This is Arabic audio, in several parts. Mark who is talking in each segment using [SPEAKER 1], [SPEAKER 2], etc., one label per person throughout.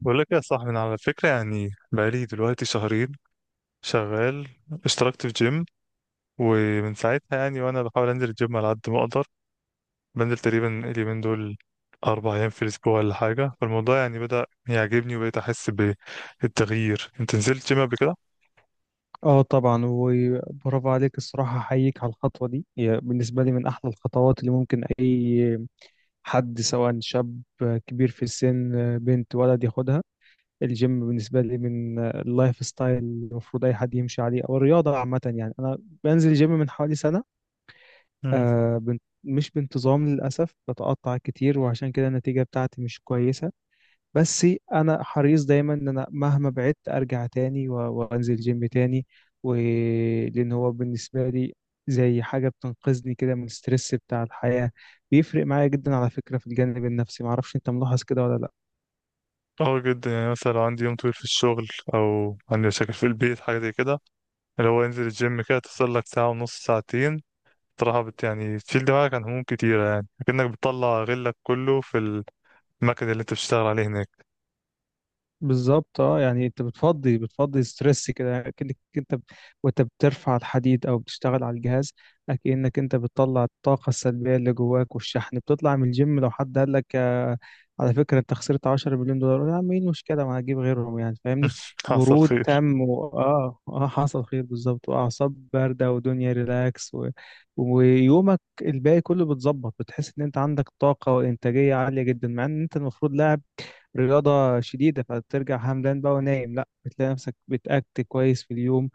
[SPEAKER 1] بقول لك يا صاحبي، انا على فكره يعني بقالي دلوقتي شهرين شغال. اشتركت في جيم، ومن ساعتها وانا بحاول انزل الجيم على قد ما اقدر. بنزل تقريبا اليومين دول 4 ايام في الاسبوع ولا حاجه. فالموضوع بدا يعجبني وبقيت احس بالتغيير. انت نزلت جيم قبل كده؟
[SPEAKER 2] اه، طبعا وبرافو عليك. الصراحة أحييك على الخطوة دي. هي بالنسبة لي من أحلى الخطوات اللي ممكن أي حد، سواء شاب، كبير في السن، بنت، ولد، ياخدها. الجيم بالنسبة لي من اللايف ستايل اللي المفروض أي حد يمشي عليه، أو الرياضة عامة. يعني أنا بنزل جيم من حوالي سنة.
[SPEAKER 1] مم.
[SPEAKER 2] آه بن- مش بانتظام للأسف، بتقطع كتير، وعشان كده النتيجة بتاعتي مش كويسة. بس انا حريص دايما ان انا مهما بعدت ارجع تاني و- وانزل جيم تاني، ولان هو بالنسبه لي زي حاجه بتنقذني كده من الستريس بتاع الحياه. بيفرق معايا جدا على فكره في الجانب النفسي، معرفش انت ملاحظ كده ولا لا؟
[SPEAKER 1] اه جدا، يعني مثلا لو عندي يوم طويل في الشغل، او عندي مشاكل في البيت، حاجه زي كده، اللي هو انزل الجيم كده، تفصل لك ساعه ونص، ساعتين. صراحة بت يعني تشيل دماغك عن هموم كتيرة، يعني كأنك بتطلع غلك كله في المكن اللي انت بتشتغل عليه هناك.
[SPEAKER 2] بالظبط. اه يعني انت بتفضي، بتفضي ستريس كده، يعني وانت بترفع الحديد او بتشتغل على الجهاز، كأنك انت بتطلع الطاقة السلبية اللي جواك والشحن. بتطلع من الجيم، لو حد قال لك آه، على فكرة انت خسرت 10 مليون دولار، قول يا عم ايه المشكلة، ما هجيب غيرهم، يعني فاهمني.
[SPEAKER 1] حصل
[SPEAKER 2] برود
[SPEAKER 1] خير.
[SPEAKER 2] تام و... اه اه حصل خير بالظبط، واعصاب باردة ودنيا ريلاكس. ويومك الباقي كله بتظبط، بتحس ان انت عندك طاقة وانتاجية عالية جدا، مع ان انت المفروض لاعب رياضة شديدة فترجع همدان بقى ونايم. لا، بتلاقي نفسك بتأكت كويس في اليوم،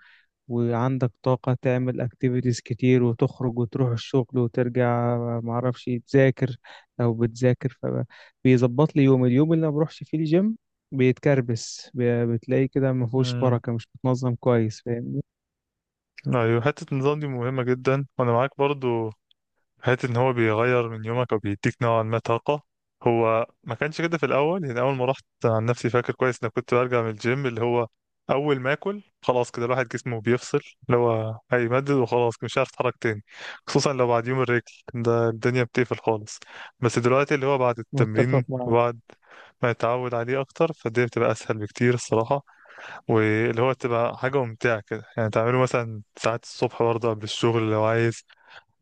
[SPEAKER 2] وعندك طاقة تعمل اكتيفيتيز كتير، وتخرج وتروح الشغل وترجع معرفش تذاكر لو بتذاكر. فبيظبط لي يوم. اليوم اللي ما بروحش فيه الجيم بيتكربس ب- بتلاقي كده ما فيهوش
[SPEAKER 1] امم،
[SPEAKER 2] بركة، مش متنظم كويس، فاهم؟
[SPEAKER 1] ايوه، حتة النظام دي مهمة جدا، وانا معاك برضو. حتة ان هو بيغير من يومك او بيديك نوعا ما طاقة. هو ما كانش كده في الاول، يعني اول ما رحت عن نفسي فاكر كويس ان كنت برجع من الجيم، اللي هو اول ما اكل خلاص كده الواحد جسمه بيفصل، اللي هو هيمدد وخلاص مش عارف اتحرك تاني. خصوصا لو بعد يوم الرجل ده، الدنيا بتقفل خالص. بس دلوقتي اللي هو بعد
[SPEAKER 2] متفق
[SPEAKER 1] التمرين
[SPEAKER 2] معاك
[SPEAKER 1] وبعد ما يتعود عليه اكتر، فالدنيا بتبقى اسهل بكتير الصراحة. واللي هو تبقى حاجة ممتعة كده، يعني تعمله مثلا ساعات الصبح برضه قبل الشغل لو عايز.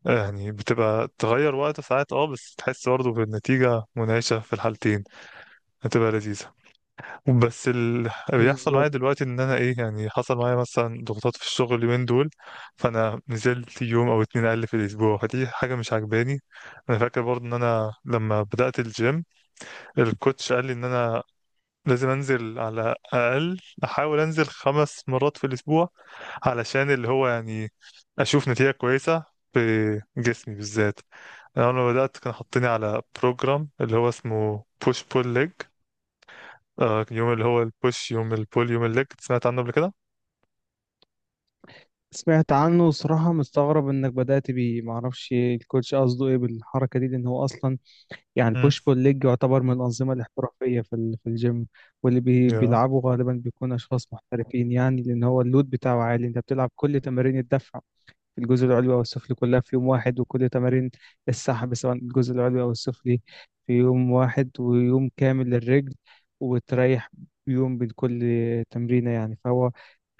[SPEAKER 1] يعني بتبقى تغير وقت ساعات، اه، بس تحس برضه بالنتيجة منعشة في الحالتين، هتبقى لذيذة. بس اللي بيحصل معايا
[SPEAKER 2] بالظبط.
[SPEAKER 1] دلوقتي ان انا ايه، يعني حصل معايا مثلا ضغوطات في الشغل اليومين دول، فانا نزلت يوم او اتنين اقل في الاسبوع، فدي حاجة مش عجباني. انا فاكر برضه ان انا لما بدأت الجيم، الكوتش قال لي ان انا لازم انزل على اقل، احاول انزل 5 مرات في الاسبوع، علشان اللي هو يعني اشوف نتيجة كويسة في جسمي بالذات. انا لما بدأت كان حاطيني على بروجرام اللي هو اسمه بوش بول ليج، يوم اللي هو البوش، يوم البول، يوم الليج. سمعت عنه قبل كده؟
[SPEAKER 2] سمعت عنه وصراحة مستغرب انك بدأت بيه، معرفش الكوتش قصده ايه بالحركة دي. لان هو اصلا يعني
[SPEAKER 1] امم،
[SPEAKER 2] البوش بول ليج يعتبر من الأنظمة الاحترافية في الجيم.
[SPEAKER 1] يا،
[SPEAKER 2] بيلعبوا غالبا بيكون أشخاص محترفين، يعني لأن هو اللود بتاعه عالي. أنت بتلعب كل تمارين الدفع في الجزء العلوي أو السفلي كلها في يوم واحد، وكل تمارين السحب سواء الجزء العلوي أو السفلي في يوم واحد، ويوم كامل للرجل. وتريح يوم بين كل تمرينة. يعني فهو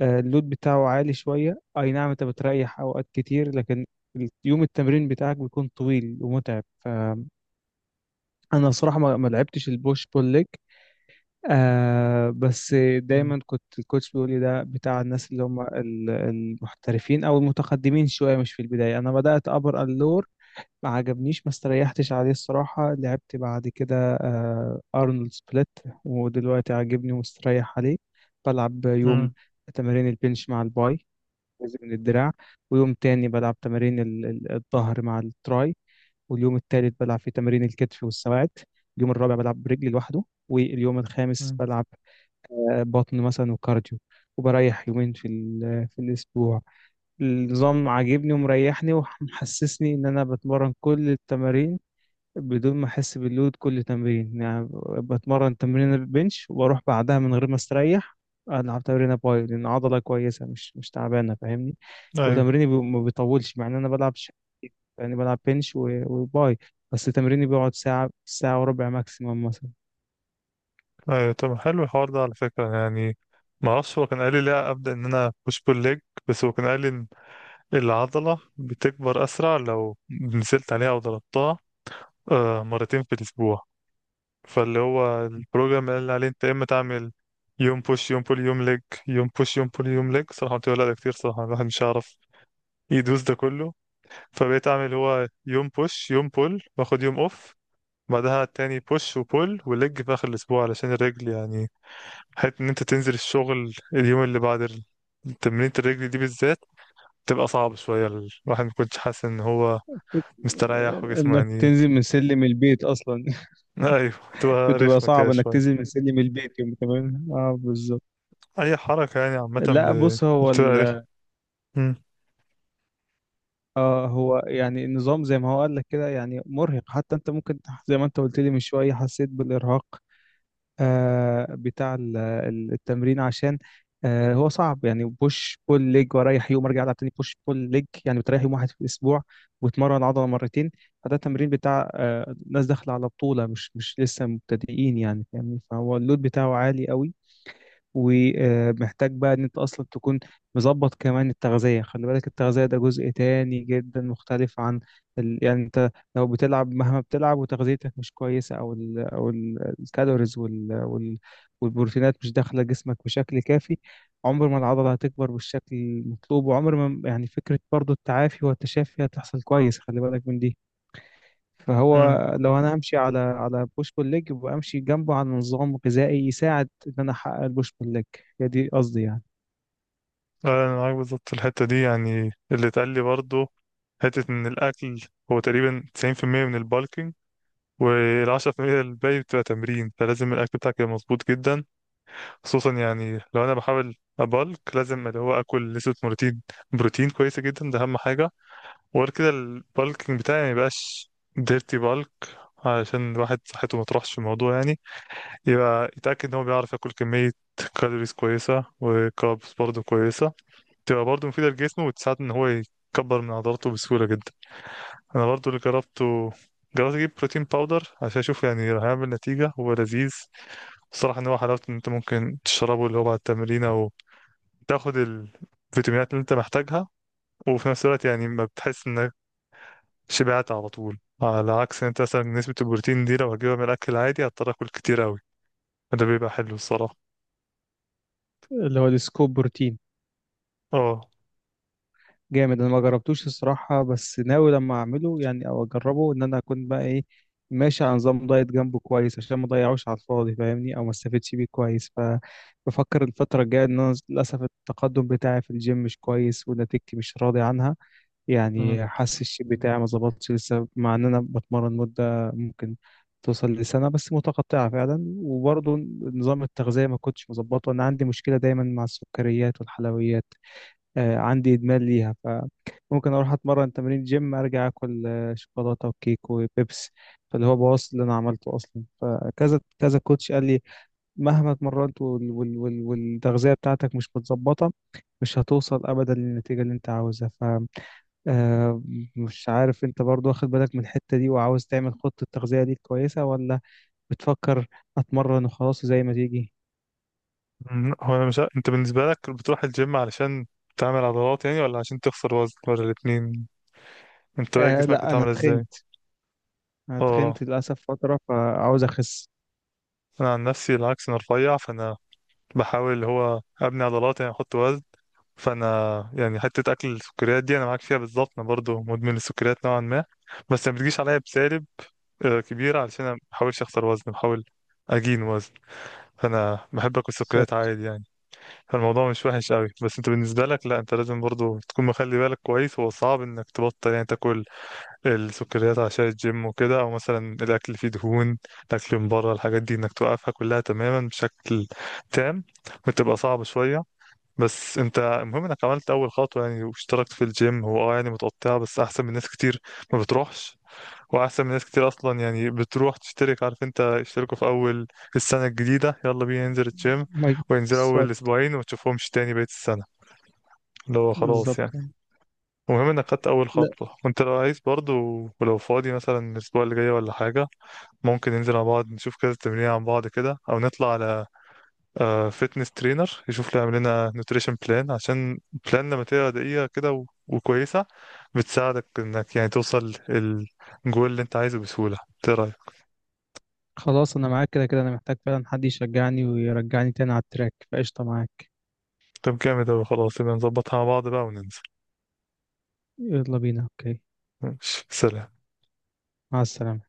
[SPEAKER 2] آه، اللود بتاعه عالي شوية، أي نعم أنت بتريح أوقات كتير، لكن يوم التمرين بتاعك بيكون طويل ومتعب. انا صراحه ما لعبتش البوش بول ليج. آه، بس
[SPEAKER 1] مم.
[SPEAKER 2] دايما كنت الكوتش بيقول لي ده بتاع الناس اللي هم المحترفين او المتقدمين شويه، مش في البدايه. انا بدات ابر اللور، ما عجبنيش، ما استريحتش عليه الصراحه. لعبت بعد كده آه ارنولد سبليت، ودلوقتي عاجبني ومستريح عليه. بلعب يوم
[SPEAKER 1] مم.
[SPEAKER 2] تمارين البنش مع الباي، جزء من الدراع. ويوم تاني بلعب تمارين الظهر مع التراي. واليوم الثالث بلعب فيه تمارين الكتف والسواعد. اليوم الرابع بلعب برجلي لوحده. واليوم الخامس
[SPEAKER 1] مم.
[SPEAKER 2] بلعب آه، بطن مثلا وكارديو. وبريح يومين في الأسبوع. النظام عاجبني ومريحني ومحسسني إن أنا بتمرن كل التمارين بدون ما أحس باللود كل تمرين. يعني بتمرن تمرين البنش وأروح بعدها من غير ما أستريح، ألعب تمرين باي، لأن عضلة كويسة مش تعبانة، فاهمني.
[SPEAKER 1] ايوه.
[SPEAKER 2] ما بيطولش، مع إن أنا بلعب، يعني بلعب بنش و- وباي، بس تمريني بيقعد ساعة، ساعة وربع ماكسيمم مثلا.
[SPEAKER 1] ايوه، طب حلو الحوار ده على فكرة يعني. ما اعرفش، هو كان قال لي لا ابدأ ان انا بوش بول ليج، بس هو كان قال لي العضلة بتكبر أسرع لو نزلت عليها أو ضربتها مرتين في الأسبوع، فاللي هو البروجرام اللي عليه أنت يا إما تعمل يوم بوش يوم بول يوم ليج، يوم بوش يوم بول يوم ليج. صراحة قلت له لا، ده كتير صراحة، الواحد مش هيعرف يدوس ده كله. فبقيت أعمل هو يوم بوش يوم بول وآخد يوم أوف، بعدها تاني بوش وبول وليج في آخر الأسبوع علشان الرجل يعني. حتى إن أنت تنزل الشغل اليوم اللي بعد تمرينة الرجل دي بالذات تبقى صعبة شوية. الواحد ما كنتش حاسس إن هو مستريح وجسمه
[SPEAKER 2] انك
[SPEAKER 1] يعني.
[SPEAKER 2] تنزل من سلم البيت اصلا!
[SPEAKER 1] ايوه، تبقى
[SPEAKER 2] بتبقى
[SPEAKER 1] رخمة كده
[SPEAKER 2] صعب انك
[SPEAKER 1] شوية.
[SPEAKER 2] تنزل من سلم البيت يوم كمان، اه بالظبط.
[SPEAKER 1] اي حركة يعني عامة
[SPEAKER 2] لا بص
[SPEAKER 1] بتبقى رخمة. امم.
[SPEAKER 2] آه هو يعني النظام زي ما هو قال لك كده، يعني مرهق. حتى انت ممكن زي ما انت قلت لي من شويه، حسيت بالارهاق آه، بتاع التمرين، عشان آه، هو صعب. يعني بوش بول ليج، واريح يوم، ارجع العب تاني بوش بول ليج، يعني بتريح يوم واحد في الاسبوع وتمرن عضله مرتين. فده تمرين بتاع آه، ناس داخله على بطوله، مش لسه مبتدئين، يعني فاهمني. فهو اللود بتاعه عالي قوي، ومحتاج بقى ان انت اصلا تكون مظبط كمان التغذية. خلي بالك، التغذية ده جزء تاني جدا مختلف عن يعني انت لو بتلعب، مهما بتلعب وتغذيتك مش كويسة، او الكالوريز والبروتينات مش داخلة جسمك بشكل كافي، عمر ما العضلة هتكبر بالشكل المطلوب، وعمر ما يعني فكرة برضو التعافي والتشافي هتحصل كويس، خلي بالك من دي. فهو
[SPEAKER 1] امم،
[SPEAKER 2] لو انا همشي على على بوش بول ليج، يبقى امشي جنبه على نظام غذائي يساعد ان انا احقق البوش بول ليج. هي دي قصدي يعني.
[SPEAKER 1] انا معاك بالظبط في الحتة دي. يعني اللي اتقال لي برضه، حتة ان الاكل هو تقريبا 90% من البالكينج، والعشرة في المية الباقي بتبقى تمرين. فلازم الأكل بتاعك يبقى مظبوط جدا، خصوصا يعني لو أنا بحاول أبالك، لازم اللي هو آكل نسبة بروتين كويسة جدا، ده أهم حاجة. وغير كده البالكينج بتاعي ما يبقاش ديرتي بالك، علشان الواحد صحته ما تروحش في الموضوع يعني. يبقى يتأكد ان هو بيعرف ياكل كمية كالوريز كويسة، وكاربس برضه كويسة تبقى برضه مفيدة لجسمه، وتساعد ان هو يكبر من عضلاته بسهولة جدا. انا برضه اللي جربته، جربت اجيب بروتين باودر عشان اشوف يعني هيعمل نتيجة. هو لذيذ الصراحة، ان هو حلاوته ان انت ممكن تشربه اللي هو بعد التمرين، او تاخد الفيتامينات اللي انت محتاجها، وفي نفس الوقت يعني ما بتحس انك شبعت على طول، على عكس انت مثلا نسبة البروتين دي لو هجيبها من الأكل العادي هضطر آكل كتير أوي. فده بيبقى حلو الصراحة.
[SPEAKER 2] اللي هو السكوب بروتين
[SPEAKER 1] اه.
[SPEAKER 2] جامد. انا ما جربتوش الصراحه، بس ناوي لما اعمله يعني او اجربه، ان انا اكون بقى ايه، ماشي على نظام دايت جنبه كويس، عشان ما اضيعوش على الفاضي فاهمني، او ما استفدش بيه كويس. فبفكر الفتره الجايه، ان انا للاسف التقدم بتاعي في الجيم مش كويس، ونتيجتي مش راضي عنها.
[SPEAKER 1] مم.
[SPEAKER 2] يعني حاسس الشيب بتاعي ما ظبطش لسه، مع ان انا بتمرن مده ممكن توصل لسنه، بس متقطعه فعلا. وبرضه نظام التغذيه ما كنتش مظبطه. انا عندي مشكله دايما مع السكريات والحلويات، آه عندي ادمان ليها. فممكن اروح اتمرن تمرين جيم، ارجع اكل آه، شوكولاته وكيك وبيبس، فاللي هو بوظ اللي انا عملته اصلا. فكذا كذا كوتش قال لي مهما اتمرنت والتغذيه بتاعتك مش متظبطه، مش هتوصل ابدا للنتيجه اللي انت عاوزها. آه، مش عارف انت برضو واخد بالك من الحتة دي وعاوز تعمل خطة تغذية ليك كويسة، ولا بتفكر اتمرن وخلاص زي ما تيجي.
[SPEAKER 1] أمم، هو أنا مش ع- انت بالنسبة لك بتروح الجيم علشان تعمل عضلات يعني، ولا عشان تخسر وزن، ولا الاتنين؟ انت بقى
[SPEAKER 2] آه
[SPEAKER 1] جسمك
[SPEAKER 2] لا، انا
[SPEAKER 1] هتعمل ازاي؟
[SPEAKER 2] تخنت. انا
[SPEAKER 1] اه.
[SPEAKER 2] تخنت للاسف فترة، فعاوز اخس.
[SPEAKER 1] أنا عن نفسي العكس، أنا رفيع، فأنا بحاول اللي هو أبني عضلات يعني، أحط وزن. فانا يعني حته اكل السكريات دي انا معاك فيها بالظبط، انا برضو مدمن السكريات نوعا ما. بس ما بتجيش عليا بسالب كبيره، علشان انا ما بحاولش اخسر وزن، بحاول اجين وزن. فانا بحب اكل سكريات
[SPEAKER 2] بالظبط.
[SPEAKER 1] عادي يعني. فالموضوع مش وحش قوي. بس انت بالنسبه لك لا، انت لازم برضو تكون مخلي بالك كويس. هو صعب انك تبطل يعني تاكل السكريات عشان الجيم وكده، او مثلا الاكل اللي فيه دهون، الاكل من بره، الحاجات دي انك توقفها كلها تماما بشكل تام، بتبقى صعبه شويه. بس انت المهم انك عملت اول خطوه يعني، واشتركت في الجيم. هو اه يعني متقطعه، بس احسن من ناس كتير ما بتروحش. واحسن من ناس كتير اصلا، يعني بتروح تشترك، عارف انت اشتركوا في اول السنه الجديده، يلا بينا ننزل الجيم،
[SPEAKER 2] ما-
[SPEAKER 1] وينزل اول
[SPEAKER 2] بالظبط.
[SPEAKER 1] اسبوعين وما تشوفهمش تاني بقيه السنه، اللي هو خلاص
[SPEAKER 2] بالظبط.
[SPEAKER 1] يعني. المهم انك خدت اول
[SPEAKER 2] لا
[SPEAKER 1] خطوه. وانت لو عايز برضو، ولو فاضي مثلا الاسبوع اللي جاي ولا حاجه، ممكن ننزل مع بعض، نشوف كذا تمرين عن بعض كده، او نطلع على فيتنس ترينر يشوف لي يعمل لنا نوتريشن بلان، عشان بلان لما تبقى دقيقة كده وكويسة، بتساعدك انك يعني توصل الجول اللي انت عايزه بسهولة. ايه رأيك؟
[SPEAKER 2] خلاص، انا معاك. كده كده انا محتاج فعلا حد يشجعني ويرجعني تاني على التراك، فقشطة معاك.
[SPEAKER 1] طب جامد اوي. خلاص يبقى نظبطها مع بعض بقى وننزل.
[SPEAKER 2] يلا بينا، اوكي.
[SPEAKER 1] ماشي، سلام.
[SPEAKER 2] مع السلامة.